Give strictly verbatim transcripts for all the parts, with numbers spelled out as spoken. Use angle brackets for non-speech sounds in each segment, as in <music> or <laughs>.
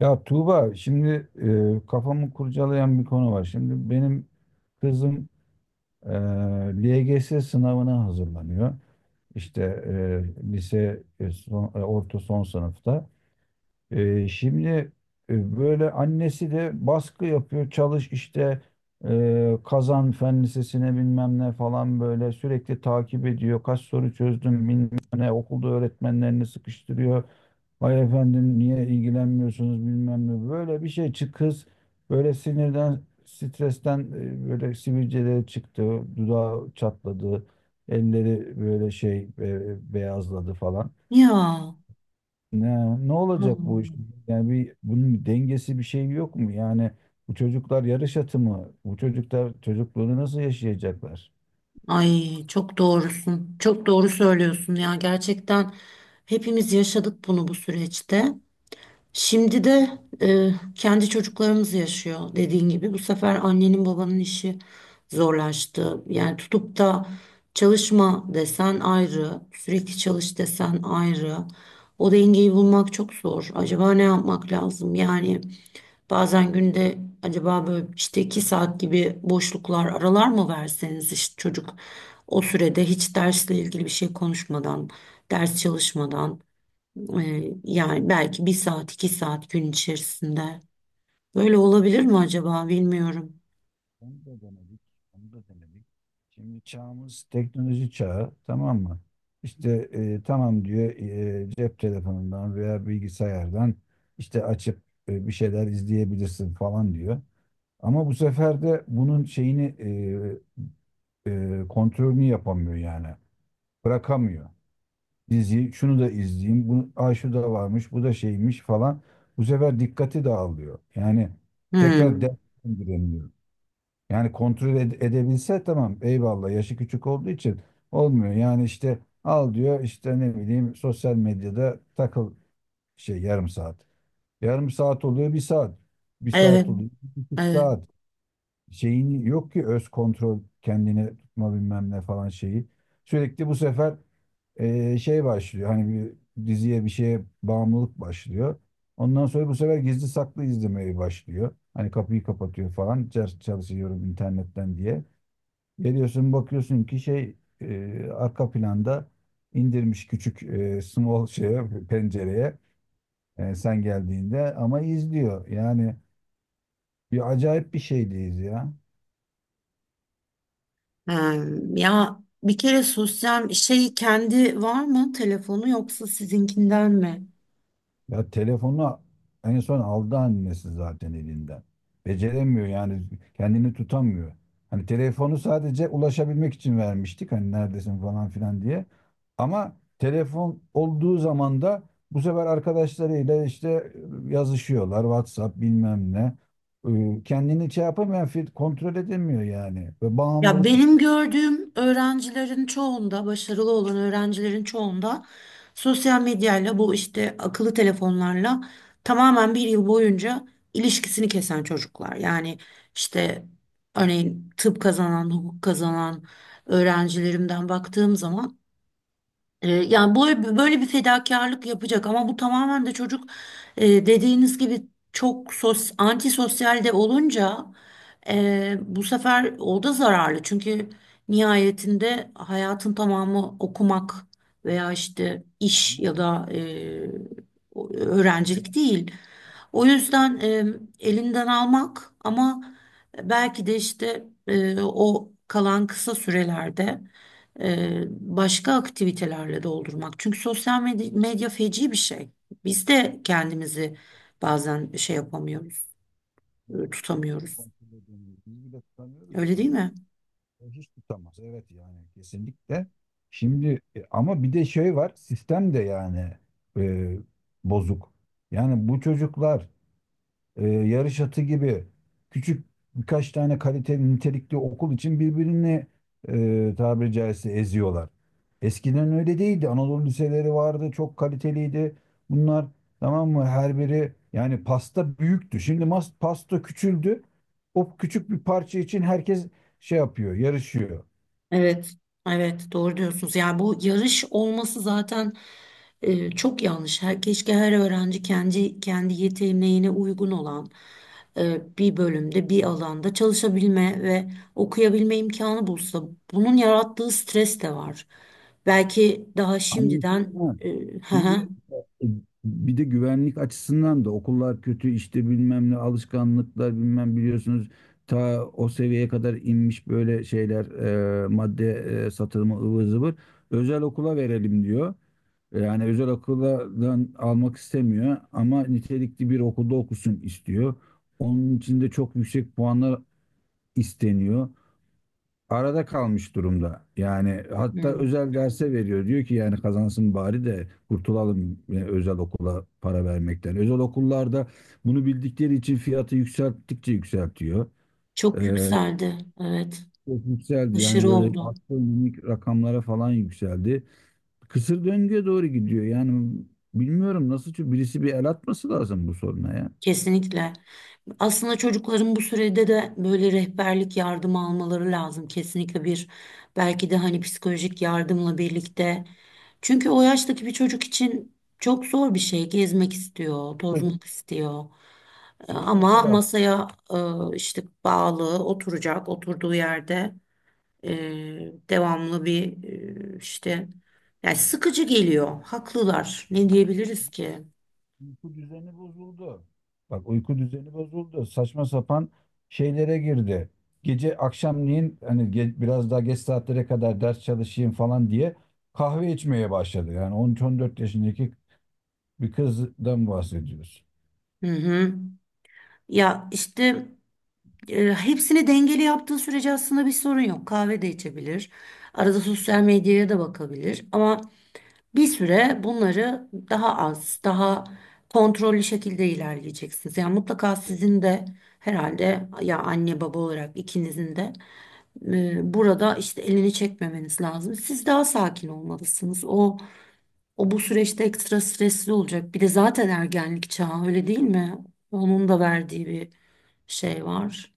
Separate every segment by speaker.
Speaker 1: Ya Tuğba şimdi e, kafamı kurcalayan bir konu var. Şimdi benim kızım e, L G S sınavına hazırlanıyor. İşte e, lise e, son- e, orta son sınıfta. E, şimdi e, böyle annesi de baskı yapıyor. Çalış işte e, kazan fen lisesine bilmem ne falan böyle sürekli takip ediyor. Kaç soru çözdüm bilmem ne okulda öğretmenlerini sıkıştırıyor. Vay efendim niye ilgilenmiyorsunuz bilmem ne. Böyle bir şey çık kız böyle sinirden stresten e, böyle sivilceleri çıktı. Dudağı çatladı. Elleri böyle şey e, beyazladı falan.
Speaker 2: Ya.
Speaker 1: Ne, ne olacak bu iş?
Speaker 2: Allah.
Speaker 1: Yani bir, bunun bir dengesi bir şey yok mu? Yani bu çocuklar yarış atı mı? Bu çocuklar çocukluğunu nasıl yaşayacaklar?
Speaker 2: Ay çok doğrusun. Çok doğru söylüyorsun ya. Gerçekten hepimiz yaşadık bunu bu süreçte. Şimdi de e, kendi çocuklarımız yaşıyor dediğin gibi. Bu sefer annenin babanın işi zorlaştı. Yani tutup da çalışma desen ayrı, sürekli çalış desen ayrı. O dengeyi bulmak çok zor. Acaba ne yapmak lazım? Yani bazen günde acaba böyle işte iki saat gibi boşluklar aralar mı verseniz, işte çocuk o sürede hiç dersle ilgili bir şey konuşmadan, ders çalışmadan, e, yani belki bir saat iki saat gün içerisinde böyle olabilir mi acaba, bilmiyorum.
Speaker 1: Onu da denedik. Onu da denedik. Şimdi çağımız teknoloji çağı tamam mı? İşte e, tamam diyor e, cep telefonundan veya bilgisayardan işte açıp e, bir şeyler izleyebilirsin falan diyor. Ama bu sefer de bunun şeyini e, e, kontrolünü yapamıyor yani. Bırakamıyor. Diziyi şunu da izleyeyim. Bunu, aa, şu da varmış, bu da şeymiş falan. Bu sefer dikkati dağılıyor. Yani tekrar
Speaker 2: Hmm.
Speaker 1: devam edemiyor. Yani kontrol ed- edebilse tamam eyvallah yaşı küçük olduğu için olmuyor. Yani işte al diyor işte ne bileyim sosyal medyada takıl şey yarım saat. Yarım saat oluyor bir saat. Bir
Speaker 2: Evet,
Speaker 1: saat oluyor bir buçuk
Speaker 2: evet.
Speaker 1: saat. Şeyin yok ki öz kontrol kendini tutma bilmem ne falan şeyi. Sürekli bu sefer e, şey başlıyor. Hani bir diziye bir şeye bağımlılık başlıyor. Ondan sonra bu sefer gizli saklı izlemeye başlıyor. Hani kapıyı kapatıyor falan. "Çar- Çalışıyorum internetten diye. Geliyorsun bakıyorsun ki şey e, arka planda indirmiş küçük e, small şeye, pencereye e, sen geldiğinde ama izliyor. Yani bir acayip bir şeydeyiz ya.
Speaker 2: Ha. Ya bir kere sosyal şey, kendi var mı telefonu yoksa sizinkinden mi?
Speaker 1: Ya telefonu en son aldı annesi zaten elinden. Beceremiyor yani kendini tutamıyor. Hani telefonu sadece ulaşabilmek için vermiştik hani neredesin falan filan diye. Ama telefon olduğu zaman da bu sefer arkadaşlarıyla işte yazışıyorlar WhatsApp bilmem ne. Ee, Kendini şey yapamıyor, kontrol edemiyor yani. Ve
Speaker 2: Ya
Speaker 1: bağımlılık
Speaker 2: benim
Speaker 1: işte.
Speaker 2: gördüğüm öğrencilerin çoğunda, başarılı olan öğrencilerin çoğunda sosyal medyayla, bu işte akıllı telefonlarla tamamen bir yıl boyunca ilişkisini kesen çocuklar. Yani işte örneğin tıp kazanan, hukuk kazanan öğrencilerimden baktığım zaman, e, yani böyle, böyle bir fedakarlık yapacak ama bu tamamen de çocuk, e, dediğiniz gibi çok sos, antisosyal de olunca e, bu sefer o da zararlı. Çünkü nihayetinde hayatın tamamı okumak veya işte iş ya da e, o- öğrencilik değil. O yüzden e, elinden almak ama belki de işte e, o kalan kısa sürelerde e, başka aktivitelerle doldurmak. Çünkü sosyal medya, medya feci bir şey. Biz de kendimizi bazen şey yapamıyoruz,
Speaker 1: Biz
Speaker 2: e,
Speaker 1: biz
Speaker 2: tutamıyoruz.
Speaker 1: kontrol edemiyoruz. Biz bile tutamıyoruz
Speaker 2: Öyle
Speaker 1: ki.
Speaker 2: değil mi?
Speaker 1: O hiç tutamaz. Evet yani kesinlikle. Şimdi e, ama bir de şey var. Sistem de yani e, bozuk. Yani bu çocuklar e, yarış atı gibi küçük birkaç tane kaliteli nitelikli okul için birbirini e, tabiri caizse eziyorlar. Eskiden öyle değildi. Anadolu liseleri vardı, çok kaliteliydi. Bunlar tamam mı? Her biri yani pasta büyüktü. Şimdi mas pasta küçüldü. O küçük bir parça için herkes şey yapıyor, yarışıyor.
Speaker 2: Evet, evet doğru diyorsunuz. Yani bu yarış olması zaten e, çok yanlış. Her, keşke her öğrenci kendi kendi yeteneğine uygun olan e, bir bölümde, bir alanda çalışabilme ve okuyabilme imkanı bulsa. Bunun yarattığı stres de var. Belki daha şimdiden
Speaker 1: Annesinden.
Speaker 2: e, <laughs> hı hı,
Speaker 1: Şimdi, E, bir de güvenlik açısından da okullar kötü işte bilmem ne alışkanlıklar bilmem biliyorsunuz ta o seviyeye kadar inmiş böyle şeyler e, madde e, satılımı ıvır zıvır özel okula verelim diyor. Yani özel okuldan almak istemiyor ama nitelikli bir okulda okusun istiyor. Onun için de çok yüksek puanlar isteniyor arada kalmış durumda. Yani hatta
Speaker 2: hmm,
Speaker 1: özel derse veriyor. Diyor ki yani kazansın bari de kurtulalım e, özel okula para vermekten. Özel okullarda bunu bildikleri için fiyatı yükselttikçe yükseltiyor.
Speaker 2: çok
Speaker 1: Ee,
Speaker 2: yükseldi. Evet,
Speaker 1: çok yükseldi yani
Speaker 2: aşırı
Speaker 1: böyle
Speaker 2: oldu.
Speaker 1: astronomik rakamlara falan yükseldi. Kısır döngüye doğru gidiyor. Yani bilmiyorum nasıl çö- birisi bir el atması lazım bu soruna ya.
Speaker 2: Kesinlikle. Aslında çocukların bu sürede de böyle rehberlik yardımı almaları lazım. Kesinlikle bir, belki de hani psikolojik yardımla birlikte. Çünkü o yaştaki bir çocuk için çok zor bir şey. Gezmek istiyor, tozmak istiyor. E, ama masaya e, işte bağlı oturacak, oturduğu yerde e, devamlı bir e, işte, yani sıkıcı geliyor. Haklılar. Ne diyebiliriz ki?
Speaker 1: Uyku düzeni bozuldu. Bak uyku düzeni bozuldu. Saçma sapan şeylere girdi. Gece akşamleyin hani ge- biraz daha geç saatlere kadar ders çalışayım falan diye kahve içmeye başladı. Yani on üç on dört yaşındaki bir kızdan bahsediyoruz.
Speaker 2: Hı hı. Ya işte, E, hepsini dengeli yaptığı sürece aslında bir sorun yok. Kahve de içebilir. Arada sosyal medyaya da bakabilir. Ama bir süre bunları daha az, daha kontrollü şekilde ilerleyeceksiniz. Yani mutlaka sizin de herhalde, ya anne baba olarak ikinizin de e, burada işte elini çekmemeniz lazım. Siz daha sakin olmalısınız. O o bu süreçte ekstra stresli olacak. Bir de zaten ergenlik çağı öyle değil mi? Onun da verdiği bir şey var.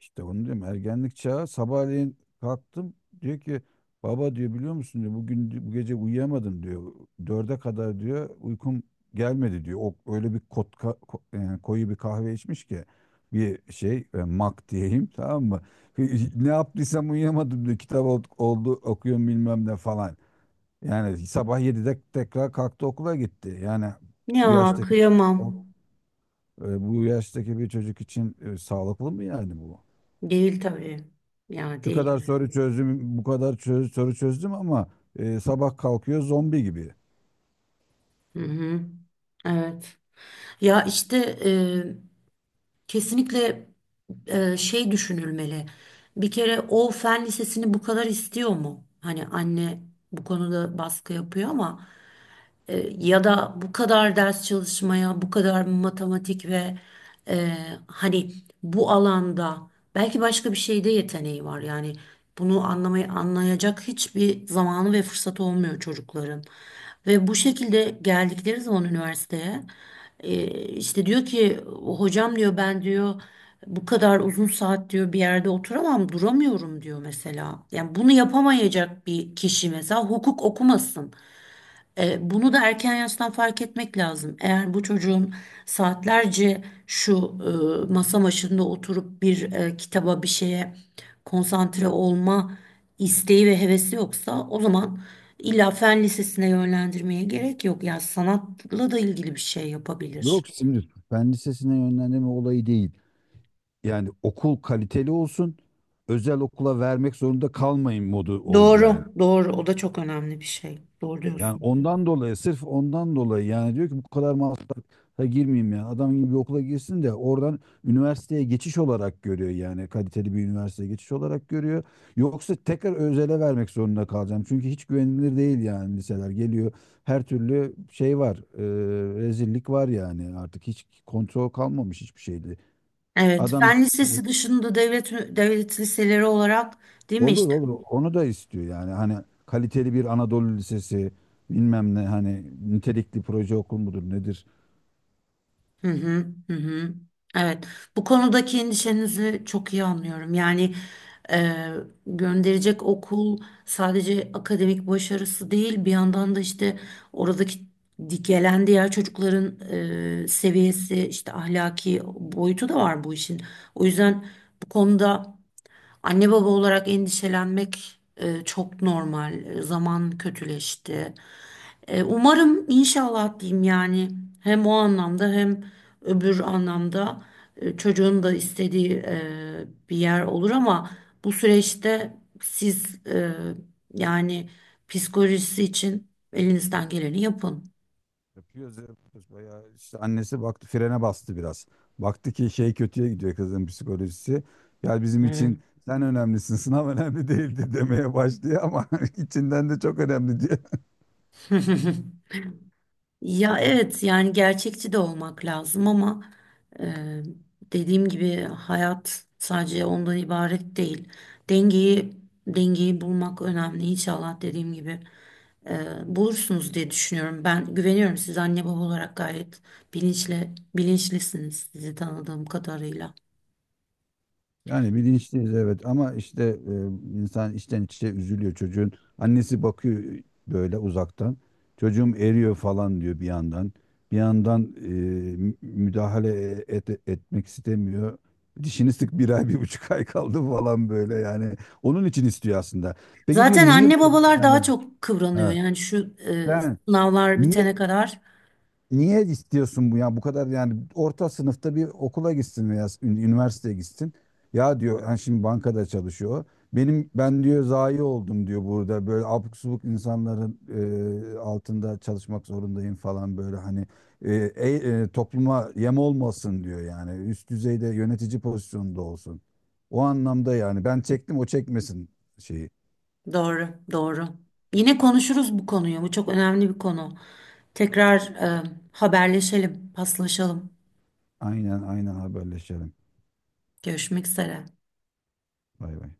Speaker 1: İşte onu diyorum ergenlik çağı sabahleyin kalktım diyor ki baba diyor biliyor musun diyor bugün di- bu gece uyuyamadım diyor. Dörde kadar diyor uykum gelmedi diyor. O öyle bir kot, ka- ko- yani koyu bir kahve içmiş ki bir şey e, mak diyeyim tamam mı? <laughs> Ne yaptıysam uyuyamadım diyor. Kitap ol- oldu okuyorum bilmem ne falan. Yani sabah yedide tekrar kalktı okula gitti. Yani bu
Speaker 2: Ya
Speaker 1: yaştaki o-
Speaker 2: kıyamam.
Speaker 1: e, bu yaştaki bir çocuk için e, sağlıklı mı yani bu?
Speaker 2: Değil tabii. Ya
Speaker 1: Şu
Speaker 2: değil.
Speaker 1: kadar soru çözdüm, bu kadar çö- soru çözdüm ama e, sabah kalkıyor zombi gibi.
Speaker 2: Hı hı. Evet. Ya işte e, kesinlikle e, şey düşünülmeli. Bir kere o fen lisesini bu kadar istiyor mu? Hani anne bu konuda baskı yapıyor ama, E, ya da bu kadar ders çalışmaya, bu kadar matematik ve e, hani bu alanda belki başka bir şeyde yeteneği var. Yani bunu anlamayı anlayacak hiçbir zamanı ve fırsatı olmuyor çocukların. Ve bu şekilde geldikleri zaman üniversiteye e, işte diyor ki, hocam diyor, ben diyor bu kadar uzun saat diyor bir yerde oturamam, duramıyorum diyor mesela. Yani bunu yapamayacak bir kişi mesela hukuk okumasın. E, bunu da erken yaştan fark etmek lazım. Eğer bu çocuğun saatlerce şu e, masa başında oturup bir e, kitaba, bir şeye konsantre olma isteği ve hevesi yoksa, o zaman illa fen lisesine yönlendirmeye gerek yok. Yani sanatla da ilgili bir şey
Speaker 1: Yok
Speaker 2: yapabilir.
Speaker 1: şimdi fen lisesine yönlendirme olayı değil. Yani okul kaliteli olsun, özel okula vermek zorunda kalmayın modu oldu yani.
Speaker 2: Doğru, doğru. O da çok önemli bir şey. Doğru
Speaker 1: Yani
Speaker 2: diyorsun.
Speaker 1: ondan dolayı sırf ondan dolayı yani diyor ki bu kadar masrafa girmeyeyim ya. Adam gibi bir okula girsin de oradan üniversiteye geçiş olarak görüyor yani kaliteli bir üniversiteye geçiş olarak görüyor. Yoksa tekrar özele vermek zorunda kalacağım. Çünkü hiç güvenilir değil yani liseler geliyor. Her türlü şey var. E, rezillik var yani artık hiç kontrol kalmamış hiçbir şeydi.
Speaker 2: Evet,
Speaker 1: Adam
Speaker 2: fen lisesi dışında devlet devlet liseleri olarak, değil mi
Speaker 1: olur
Speaker 2: işte?
Speaker 1: olur onu da istiyor yani hani kaliteli bir Anadolu Lisesi bilmem ne hani nitelikli proje okul mudur nedir.
Speaker 2: Hı hı, hı hı. Evet, bu konudaki endişenizi çok iyi anlıyorum. Yani e, gönderecek okul sadece akademik başarısı değil, bir yandan da işte oradaki di- gelen diğer çocukların e, seviyesi, işte ahlaki boyutu da var bu işin. O yüzden bu konuda anne baba olarak endişelenmek e, çok normal. E, zaman kötüleşti. E, umarım, inşallah diyeyim yani hem o anlamda hem öbür anlamda e, çocuğun da istediği e, bir yer olur ama bu süreçte siz, e, yani psikolojisi için elinizden geleni yapın.
Speaker 1: Yapıyoruz, yapıyoruz. Bayağı işte annesi baktı frene bastı biraz. Baktı ki şey kötüye gidiyor kızın psikolojisi. Ya bizim için sen önemlisin, sınav önemli değildi <laughs> demeye başlıyor ama <laughs> içinden de çok önemli diye.
Speaker 2: Ya evet, yani gerçekçi de olmak lazım ama e, dediğim gibi hayat sadece ondan ibaret değil. Dengeyi Dengeyi bulmak önemli, inşallah dediğim gibi e, bulursunuz diye düşünüyorum. Ben güveniyorum, siz anne baba olarak gayet bilinçli bilinçlisiniz sizi tanıdığım kadarıyla.
Speaker 1: Yani bilinçliyiz evet ama işte e, insan içten içe üzülüyor çocuğun. Annesi bakıyor böyle uzaktan. Çocuğum eriyor falan diyor bir yandan. Bir yandan e, mü- müdahale et- etmek istemiyor. Dişini sık bir ay bir buçuk ay kaldı falan böyle yani. Onun için istiyor aslında. Peki
Speaker 2: Zaten
Speaker 1: diyorum niye bu
Speaker 2: anne
Speaker 1: kadar
Speaker 2: babalar daha
Speaker 1: yani?
Speaker 2: çok kıvranıyor.
Speaker 1: Ha,
Speaker 2: Yani şu e,
Speaker 1: sen
Speaker 2: sınavlar
Speaker 1: niye
Speaker 2: bitene kadar
Speaker 1: Niye istiyorsun bu ya bu kadar yani orta sınıfta bir okula gitsin veya ün- üniversiteye gitsin. Ya diyor yani şimdi bankada çalışıyor. Benim ben diyor zayi oldum diyor burada böyle abuk subuk insanların e, altında çalışmak zorundayım falan böyle hani e, e, e, topluma yem olmasın diyor yani üst düzeyde yönetici pozisyonunda olsun. O anlamda yani ben çektim o çekmesin şeyi.
Speaker 2: doğru, doğru. Yine konuşuruz bu konuyu. Bu çok önemli bir konu. Tekrar e, haberleşelim, paslaşalım.
Speaker 1: Aynen aynen haberleşelim.
Speaker 2: Görüşmek üzere.
Speaker 1: Bay bay.